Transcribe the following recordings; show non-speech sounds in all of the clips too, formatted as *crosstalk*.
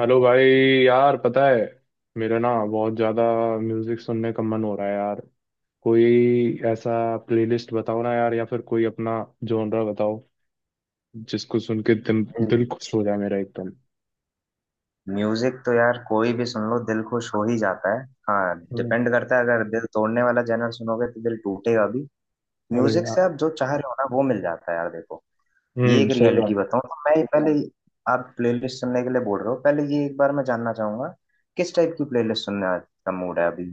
Hello भाई। यार पता है, मेरा ना बहुत ज़्यादा म्यूज़िक सुनने का मन हो रहा है यार। कोई ऐसा प्लेलिस्ट बताओ ना यार, या फिर कोई अपना जॉनरा बताओ जिसको सुन के दिल दिल खुश हो जाए मेरा एकदम। म्यूजिक तो यार कोई भी सुन लो दिल खुश हो ही जाता है। हाँ हम्म। डिपेंड करता है, अगर दिल तोड़ने वाला जनर सुनोगे तो दिल टूटेगा भी। अरे म्यूजिक से यार। आप जो चाह रहे हो ना वो मिल जाता है यार, देखो। ये हम्म, एक सही रियलिटी बात। बताऊं तो मैं ये पहले, आप प्लेलिस्ट सुनने के लिए बोल रहे हो, पहले ये एक बार मैं जानना चाहूंगा किस टाइप की प्लेलिस्ट सुनने का मूड है अभी।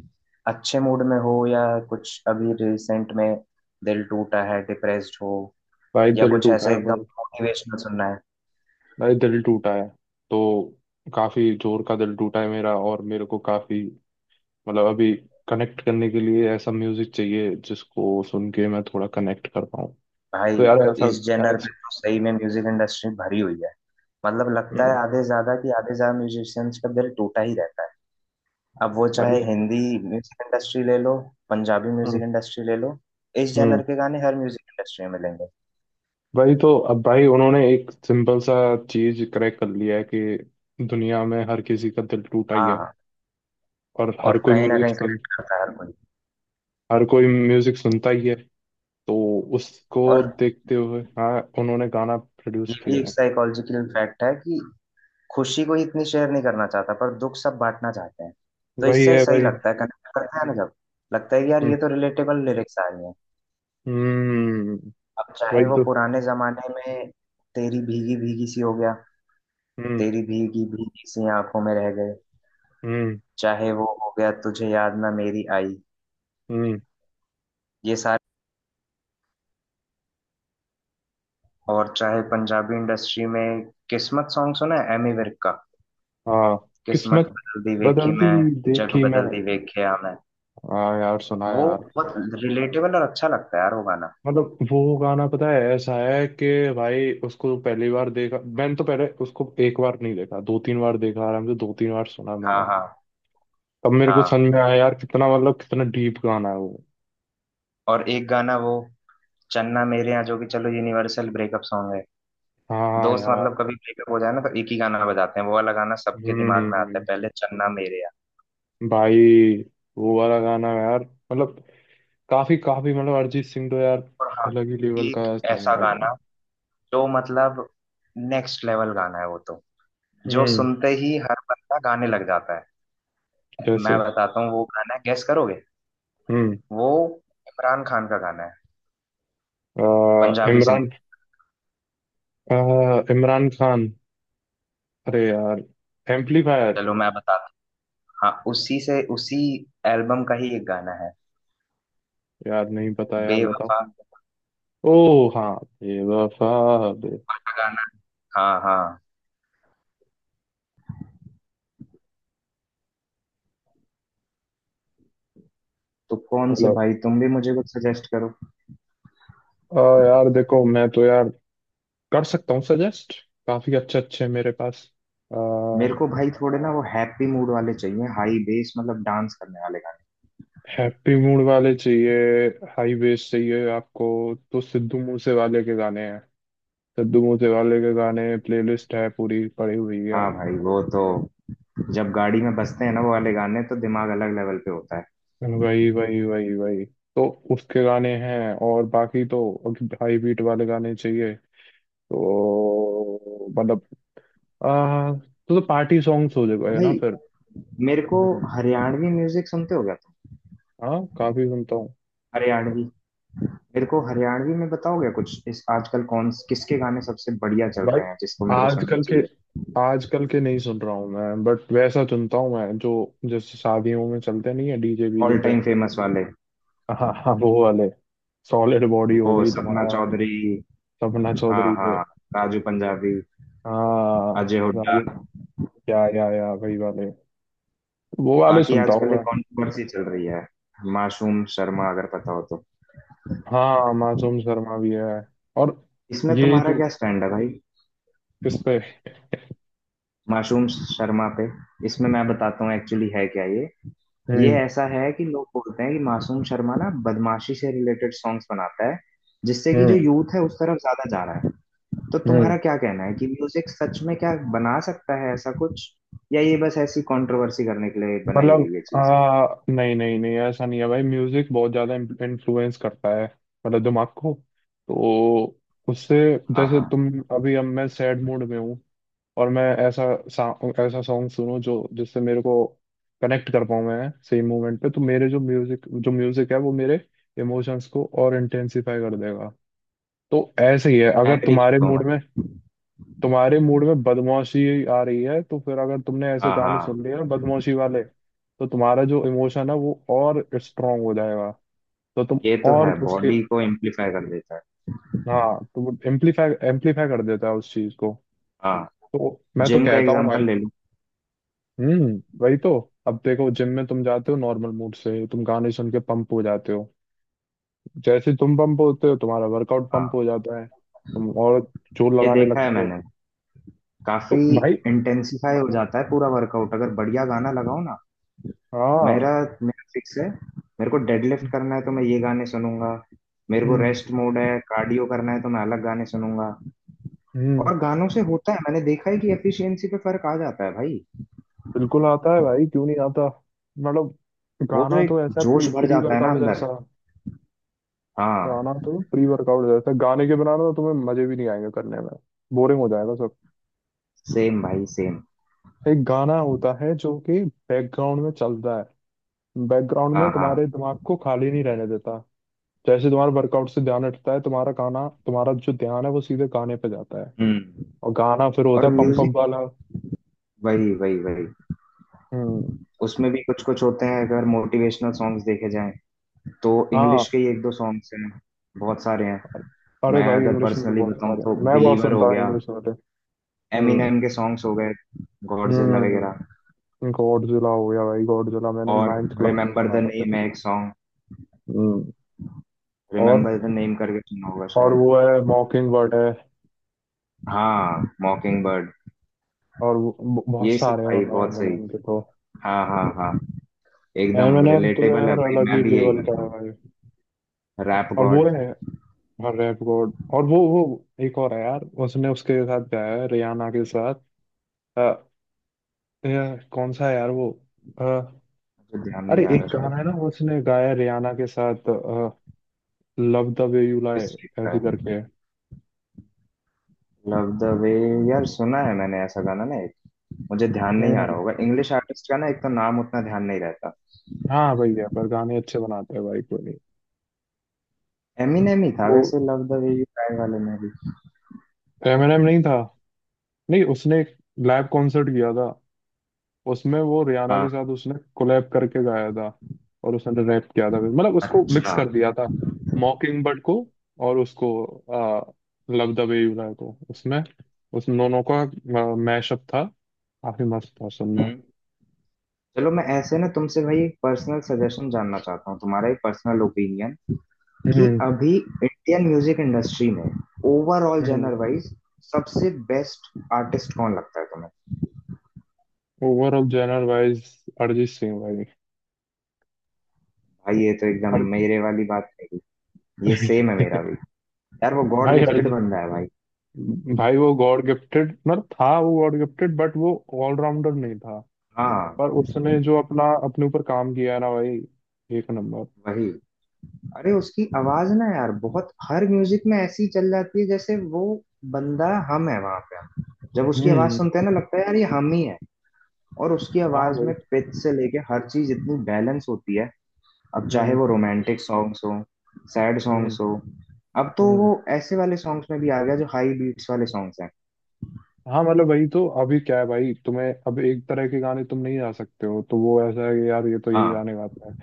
अच्छे मूड में हो या कुछ अभी रिसेंट में दिल टूटा है, डिप्रेस्ड हो, भाई या दिल कुछ टूटा ऐसा है एकदम भाई। मोटिवेशनल सुनना है। भाई दिल टूटा है। तो काफ़ी जोर का दिल टूटा है मेरा, और मेरे को काफ़ी मतलब अभी कनेक्ट करने के लिए ऐसा म्यूज़िक चाहिए जिसको सुन के मैं थोड़ा कनेक्ट कर पाऊँ। भाई तो यार ऐसा इस जेनर पे ऐसा- तो सही में म्यूजिक इंडस्ट्री भरी हुई है। मतलब लगता है आधे से ज्यादा म्यूजिशियंस का दिल टूटा ही रहता है। अब वो चाहे भाई। हिंदी म्यूजिक इंडस्ट्री ले लो, पंजाबी म्यूजिक हम्म। इंडस्ट्री ले लो, इस हम्म। जेनर के गाने हर म्यूजिक इंडस्ट्री में मिलेंगे। भाई तो अब भाई उन्होंने एक सिंपल सा चीज क्रैक कर लिया है कि दुनिया में हर किसी का दिल टूटा ही है। हाँ, और और कहीं ना कहीं कनेक्ट करता है हर कोई। हर कोई म्यूजिक सुनता ही है। तो उसको और देखते हुए, हाँ, उन्होंने गाना प्रोड्यूस ये भी किया एक है। साइकोलॉजिकल फैक्ट है कि खुशी को इतनी शेयर नहीं करना चाहता, पर दुख सब बांटना चाहते हैं। तो वही इससे है सही भाई। लगता है, कनेक्ट करता है ना। जब लगता है कि यार हम्म। ये तो रिलेटेबल लिरिक्स आ रही हैं। हम्म। अब चाहे वही वो तो। पुराने जमाने में तेरी भीगी भीगी सी हो गया, हम्म। तेरी भीगी भीगी सी आंखों में रह गए, हम्म। चाहे वो हो गया तुझे याद ना मेरी आई, हम्म। ये सारे। और चाहे पंजाबी इंडस्ट्री में, किस्मत सॉन्ग सुना है एमी विर्क का? हाँ। किस्मत किस्मत बदल दी वेखी बदलती मैं, जग देखी मैं। बदल दी वेख्या मैं। हाँ यार सुना वो यार। बहुत रिलेटेबल और अच्छा लगता है यार वो गाना। मतलब वो गाना पता है ऐसा है कि भाई उसको पहली बार देखा मैंने तो पहले उसको एक बार नहीं देखा, दो तीन बार देखा आराम से, दो तीन बार सुना मैंने। हाँ हाँ तब मेरे को हाँ। समझ में आया यार, कितना मतलब कितना डीप गाना है वो। और एक गाना वो चन्ना मेरे यहाँ, जो कि चलो यूनिवर्सल ब्रेकअप सॉन्ग है। हाँ दोस्त यार। मतलब कभी ब्रेकअप हो जाए ना तो एक ही गाना बजाते हैं, वो वाला गाना सबके दिमाग में आता है हम्म। पहले, चन्ना मेरे यार। भाई वो वाला गाना यार, मतलब काफी काफी मतलब अरिजीत सिंह तो यार और हाँ, अलग ही लेवल एक का ऐसा सिंगर है यार। गाना जो मतलब नेक्स्ट लेवल गाना है वो तो, जो हम्म। सुनते ही हर बंदा गाने लग जाता है। मैं जैसे। बताता हूँ वो गाना है, गेस करोगे? हम्म। वो इमरान खान का गाना है, पंजाबी इमरान। सिंगर। अ, इमरान खान। अरे यार, एम्पलीफायर। चलो मैं बताता हूँ। हाँ उसी एल्बम का ही एक गाना है, यार नहीं पता यार, बताओ। बेवफा ओ हाँ, बेवफा, बेवफा। का गाना। हाँ हाँ। तो कौन से भाई, तुम भी मुझे कुछ सजेस्ट करो। यार देखो, मैं तो यार कर सकता हूँ सजेस्ट, काफी अच्छे अच्छे हैं मेरे पास। आ, मेरे को भाई थोड़े ना वो हैप्पी मूड वाले चाहिए, हाई बेस, मतलब डांस करने वाले गाने। हैप्पी मूड वाले चाहिए, हाई बेस चाहिए आपको, तो सिद्धू मूसे वाले के गाने हैं। सिद्धू मूसे वाले के गाने प्लेलिस्ट है पूरी पड़ी हुई है। हाँ भाई वो तो जब गाड़ी में बजते हैं ना वो वाले गाने तो दिमाग अलग लेवल पे होता है। वही वही वही वही। तो उसके गाने हैं, और बाकी तो हाई बीट वाले गाने चाहिए तो मतलब तो पार्टी सॉन्ग्स हो जाएगा भाई ना फिर। मेरे को हम्म। हरियाणवी म्यूजिक सुनते हो क्या तुम? हाँ काफी सुनता हूँ। हरियाणवी, मेरे को हरियाणवी में बताओगे कुछ इस, आजकल कौन किसके गाने सबसे बढ़िया चल भाई, रहे हैं जिसको मेरे को सुनना आजकल के चाहिए? आजकल के नहीं सुन रहा हूँ मैं, बट वैसा सुनता हूँ मैं जो जैसे शादियों में चलते नहीं है डीजे बीजे ऑल पे। टाइम *laughs* फेमस वाले, हाँ हाँ, वो वाले। सॉलिड बॉडी हो वो गई सपना तुम्हारा। चौधरी। सपना हाँ चौधरी पे। हाँ। राजू पंजाबी, हाँ। अजय हुड्डा। राजू। या, वही वाले। वो वाले बाकी सुनता हूँ आजकल एक मैं। कॉन्ट्रोवर्सी चल रही है, मासूम शर्मा, अगर पता हो तो। हाँ मासूम शर्मा भी है। और इसमें ये तुम्हारा जो, क्या स्टैंड है भाई? किस पे? मासूम शर्मा पे। इसमें मैं बताता हूँ एक्चुअली है क्या ये। ये हम्म। ऐसा है कि लोग बोलते हैं कि मासूम शर्मा ना बदमाशी से रिलेटेड सॉन्ग्स बनाता है, जिससे कि जो हम्म। यूथ है उस तरफ ज्यादा जा रहा है। तो हम्म। तुम्हारा क्या कहना है कि म्यूजिक सच में क्या बना सकता है ऐसा कुछ, या ये बस ऐसी कंट्रोवर्सी करने के लिए बनाई मतलब गई है चीज? नहीं नहीं नहीं, ऐसा नहीं है भाई, म्यूजिक बहुत ज्यादा इन्फ्लुएंस करता है। मतलब दिमाग को। तो उससे, हाँ जैसे हाँ, तुम अभी, अब मैं सैड मूड में हूँ, और मैं ऐसा ऐसा सॉन्ग सुनूं जो जिससे मेरे को कनेक्ट कर पाऊँ मैं सेम मोमेंट पे, तो मेरे जो म्यूजिक है वो मेरे इमोशंस को और इंटेंसिफाई कर देगा। तो ऐसे ही है। मैं अगर एग्री तुम्हारे करता हूँ मूड में भाई। बदमाशी आ रही है तो फिर अगर तुमने ऐसे हाँ गाने हाँ, सुन लिए ना बदमाशी वाले तो तुम्हारा जो इमोशन है वो और स्ट्रांग हो जाएगा। तो तुम ये तो और है, उसके। बॉडी को एम्प्लीफाई कर देता है। हाँ, तो एम्पलीफाई एम्पलीफाई कर देता है उस चीज को। हाँ, तो मैं तो जिम का कहता हूँ भाई। एग्जांपल ले लूँ। हम्म। वही तो। अब देखो, जिम में तुम जाते हो नॉर्मल मूड से, तुम गाने सुन के पंप हो जाते हो। जैसे तुम पंप होते हो, तुम्हारा वर्कआउट पंप हाँ, हो जाता है, तुम और जोर ये लगाने देखा है लगते हो। मैंने, काफी तो भाई। इंटेंसिफाई हो जाता है पूरा वर्कआउट अगर बढ़िया गाना लगाओ ना। मेरा हाँ। मेरा फिक्स है, मेरे को डेडलिफ्ट हम्म। करना है तो मैं ये गाने सुनूंगा, मेरे को हम्म। रेस्ट मोड है, कार्डियो करना है तो मैं अलग गाने सुनूंगा। हम्म। और गानों से होता है, मैंने देखा है कि एफिशिएंसी पे फर्क आ जाता है भाई। बिल्कुल आता है भाई, क्यों नहीं आता। मतलब वो जो गाना एक तो ऐसा प्री जोश भर प्री जाता है ना वर्कआउट अंदर। जैसा। हाँ, गाना तो प्री वर्कआउट जैसा, गाने के बिना ना तुम्हें मजे भी नहीं आएंगे करने में, बोरिंग हो जाएगा सब। सेम भाई सेम। एक गाना होता है जो कि बैकग्राउंड में चलता है, बैकग्राउंड में हाँ हाँ। तुम्हारे दिमाग को खाली नहीं रहने देता। जैसे तुम्हारे वर्कआउट से ध्यान हटता है तुम्हारा, गाना तुम्हारा जो ध्यान है वो सीधे गाने पे जाता है। हम्म। और गाना फिर और होता है पंप अप म्यूजिक, वाला। वही वही वही। हम्म। उसमें भी कुछ कुछ होते हैं, अगर मोटिवेशनल सॉन्ग्स देखे जाएं तो हाँ। इंग्लिश के ही एक दो सॉन्ग्स हैं, बहुत सारे हैं। अरे मैं भाई अगर इंग्लिश में तो पर्सनली बहुत बताऊं सारे तो हैं। मैं बहुत बिलीवर सुनता हो हूँ गया, इंग्लिश वाले। हम्म। एमिनेम के सॉन्ग्स हो गए, गॉडजिला वगैरह। हम्म। गॉडजिला हो गया भाई। गॉडजिला मैंने और नाइन्थ क्लास में रिमेम्बर सुना द था नेम पहले। है एक सॉन्ग, हम्म। और रिमेम्बर द नेम करके सुना होगा शायद। वो है मॉकिंग बर्ड है। हाँ मॉकिंग बर्ड। और बहुत ये सब सारे हैं, भाई मतलब बहुत एम एन सही। एम के तो। हाँ हाँ हाँ, एम एकदम एन एम तो रिलेटेबल है यार भाई, अलग मैं ही भी यही लेवल करता का है हूँ। भाई। रैप और वो गॉड। है रैप गॉड। और वो एक और है यार, उसने उसके साथ गाया है रियाना के साथ। अ, यार, कौन सा है यार वो। अ, मुझे ध्यान नहीं अरे आ रहा एक गाना शायद। है ना वो उसने गाया है रियाना के साथ, love the way you lie, किस टाइप का ऐसे है? करके। Love the way. यार सुना है मैंने ऐसा गाना ना एक, मुझे ध्यान नहीं आ रहा हम्म। होगा, इंग्लिश आर्टिस्ट का ना एक तो नाम उतना ध्यान नहीं रहता। हाँ भैया, पर गाने अच्छे बनाते हैं भाई कोई। एमिनेम ही था वो वैसे love the way you cry वाले में भी। एमिनेम नहीं था। नहीं उसने एक लाइव कॉन्सर्ट किया था, उसमें वो रियाना हाँ, के साथ उसने कोलैब करके गाया था, और उसने रैप किया था मतलब उसको मिक्स अच्छा। कर दिया था, मॉकिंग बर्ड को और उसको, आ, love the way you lie को, उसमें उस दोनों का मैशअप था। काफी मस्त था सुनना। हम्म। चलो मैं ऐसे ना तुमसे भाई एक पर्सनल सजेशन जानना चाहता हूँ, तुम्हारा एक पर्सनल ओपिनियन, कि हम्म। अभी इंडियन म्यूजिक इंडस्ट्री में ओवरऑल जनर हम्म। वाइज सबसे बेस्ट आर्टिस्ट कौन लगता है तुम्हें? Overall general wise, Arijit Singh भाई। भाई ये तो एकदम अर... मेरे वाली बात, नहीं ये सेम है मेरा *laughs* भी। यार वो गॉड भाई गिफ्टेड अरिजीत, बंदा है भाई। भाई वो गॉड गिफ्टेड, मतलब था वो गॉड गिफ्टेड बट वो ऑलराउंडर नहीं था। हाँ, पर उसने जो अपना अपने ऊपर काम किया है ना भाई, एक नंबर। वही। अरे उसकी आवाज ना यार बहुत हर म्यूजिक में ऐसी चल जाती है, जैसे वो बंदा हम है वहां पे, जब उसकी आवाज हम्म। सुनते हैं ना लगता है यार ये हम ही है। और उसकी हाँ आवाज में भाई। पिच से लेके हर चीज इतनी बैलेंस होती है, अब चाहे हम्म। वो रोमांटिक सॉन्ग्स हो, सैड सॉन्ग्स हो। अब तो हम्म। वो ऐसे वाले सॉन्ग्स में भी आ गया जो हाई बीट्स वाले सॉन्ग्स हैं। हाँ, मतलब वही तो, अभी क्या है भाई तुम्हें, अब एक तरह के गाने तुम नहीं गा सकते हो तो वो ऐसा है कि यार ये तो यही हाँ गाने गाते हैं।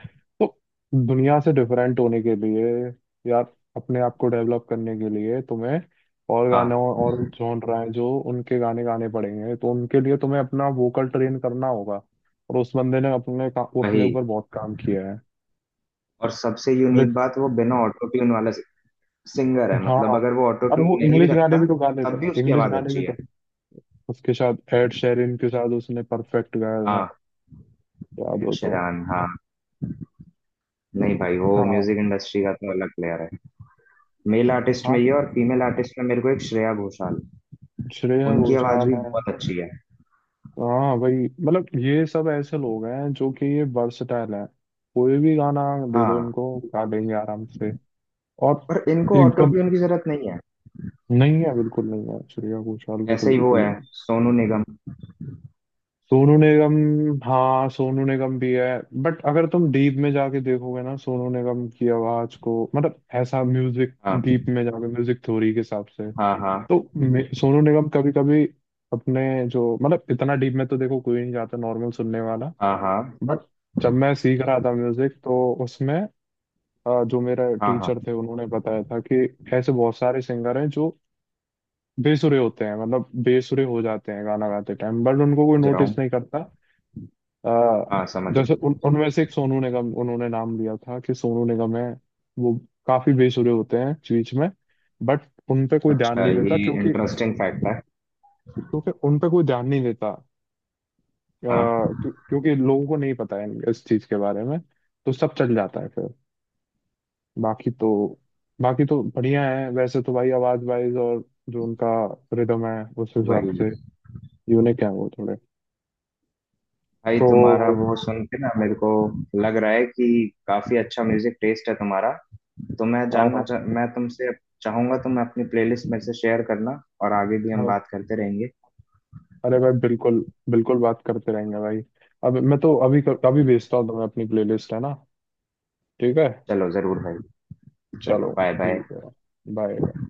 तो दुनिया से डिफरेंट होने के लिए यार, अपने आप को डेवलप करने के लिए तुम्हें और गानों हाँ, और जॉनरा है जो उनके गाने गाने पड़ेंगे तो उनके लिए तुम्हें अपना वोकल ट्रेन करना होगा। और उस बंदे ने वही। अपने ऊपर बहुत काम किया है। और सबसे यूनिक लेट। बात, वो बिना ऑटो ट्यून वाला सिंगर है, हाँ मतलब अगर वो ऑटो और ट्यून वो नहीं भी इंग्लिश गाने रखता भी तो गा लेता तब भी है, उसकी इंग्लिश आवाज गाने भी अच्छी है। तो। उसके साथ एड शेरिन के साथ उसने परफेक्ट गाया था, हाँ याद एड हो तो। शेरान, हाँ। नहीं भाई, वो हाँ। म्यूजिक इंडस्ट्री का तो अलग प्लेयर है। मेल आर्टिस्ट में हाँ ये, तो और फीमेल आर्टिस्ट में मेरे को एक श्रेया घोषाल, श्रेया उनकी आवाज घोषाल भी है। बहुत अच्छी है। तो हाँ भाई, मतलब ये सब ऐसे लोग हैं जो कि ये वर्सटाइल है, कोई भी गाना दे दो हाँ, इनको, गा देंगे आराम से। और पर इनको ऑटो एकदम। ट्यून की जरूरत नहीं है। नहीं है, बिल्कुल नहीं है, श्रेया घोषाल को ऐसे तो ही वो बिल्कुल ही है नहीं। सोनू निगम। सोनू निगम। हाँ सोनू निगम भी है। बट अगर तुम डीप में जाके देखोगे ना सोनू निगम की आवाज को, मतलब ऐसा म्यूजिक डीप हाँ में जाके, म्यूजिक थ्योरी के हिसाब से, हाँ हाँ तो सोनू निगम कभी कभी अपने जो, मतलब इतना डीप में तो देखो कोई नहीं जाता नॉर्मल सुनने वाला। हाँ हाँ बट जब मैं सीख रहा था म्यूजिक तो उसमें, जो मेरा हाँ हाँ, टीचर थे उन्होंने बताया था कि ऐसे बहुत सारे सिंगर हैं जो बेसुरे होते हैं, मतलब बेसुरे हो जाते हैं गाना गाते टाइम, बट उनको कोई समझ रहा नोटिस हूँ। नहीं करता। अ, हाँ समझ रहा जैसे उन हूँ। उनमें से एक सोनू निगम, उन्होंने नाम लिया था कि सोनू निगम है। वो काफी बेसुरे होते हैं बीच में, बट उन पे कोई ध्यान अच्छा, नहीं ये देता, क्योंकि इंटरेस्टिंग फैक्ट है। क्योंकि उन पे कोई ध्यान नहीं देता। अ, हाँ, क्योंकि लोगों को नहीं पता है इस चीज के बारे में, तो सब चल जाता है फिर। बाकी तो बाकी तो बढ़िया है वैसे तो भाई, आवाज वाइज, और जो उनका रिदम है उस हिसाब वही। से यूनिक है वो थोड़े। भाई तुम्हारा तो। वो सुन के ना मेरे को लग रहा है कि काफी अच्छा म्यूजिक टेस्ट है तुम्हारा। तो मैं हाँ जानना हाँ चाह मैं तुमसे चाहूंगा तुम अपनी प्लेलिस्ट में से शेयर करना, और आगे भी हम हाँ। बात करते रहेंगे। अरे भाई बिल्कुल, बिल्कुल बात करते रहेंगे भाई। अब मैं तो अभी अभी भेजता हूँ तुम्हें अपनी प्लेलिस्ट है ना। ठीक है। चलो जरूर भाई। चलो चलो। Bye bye. ठीक है। बाय।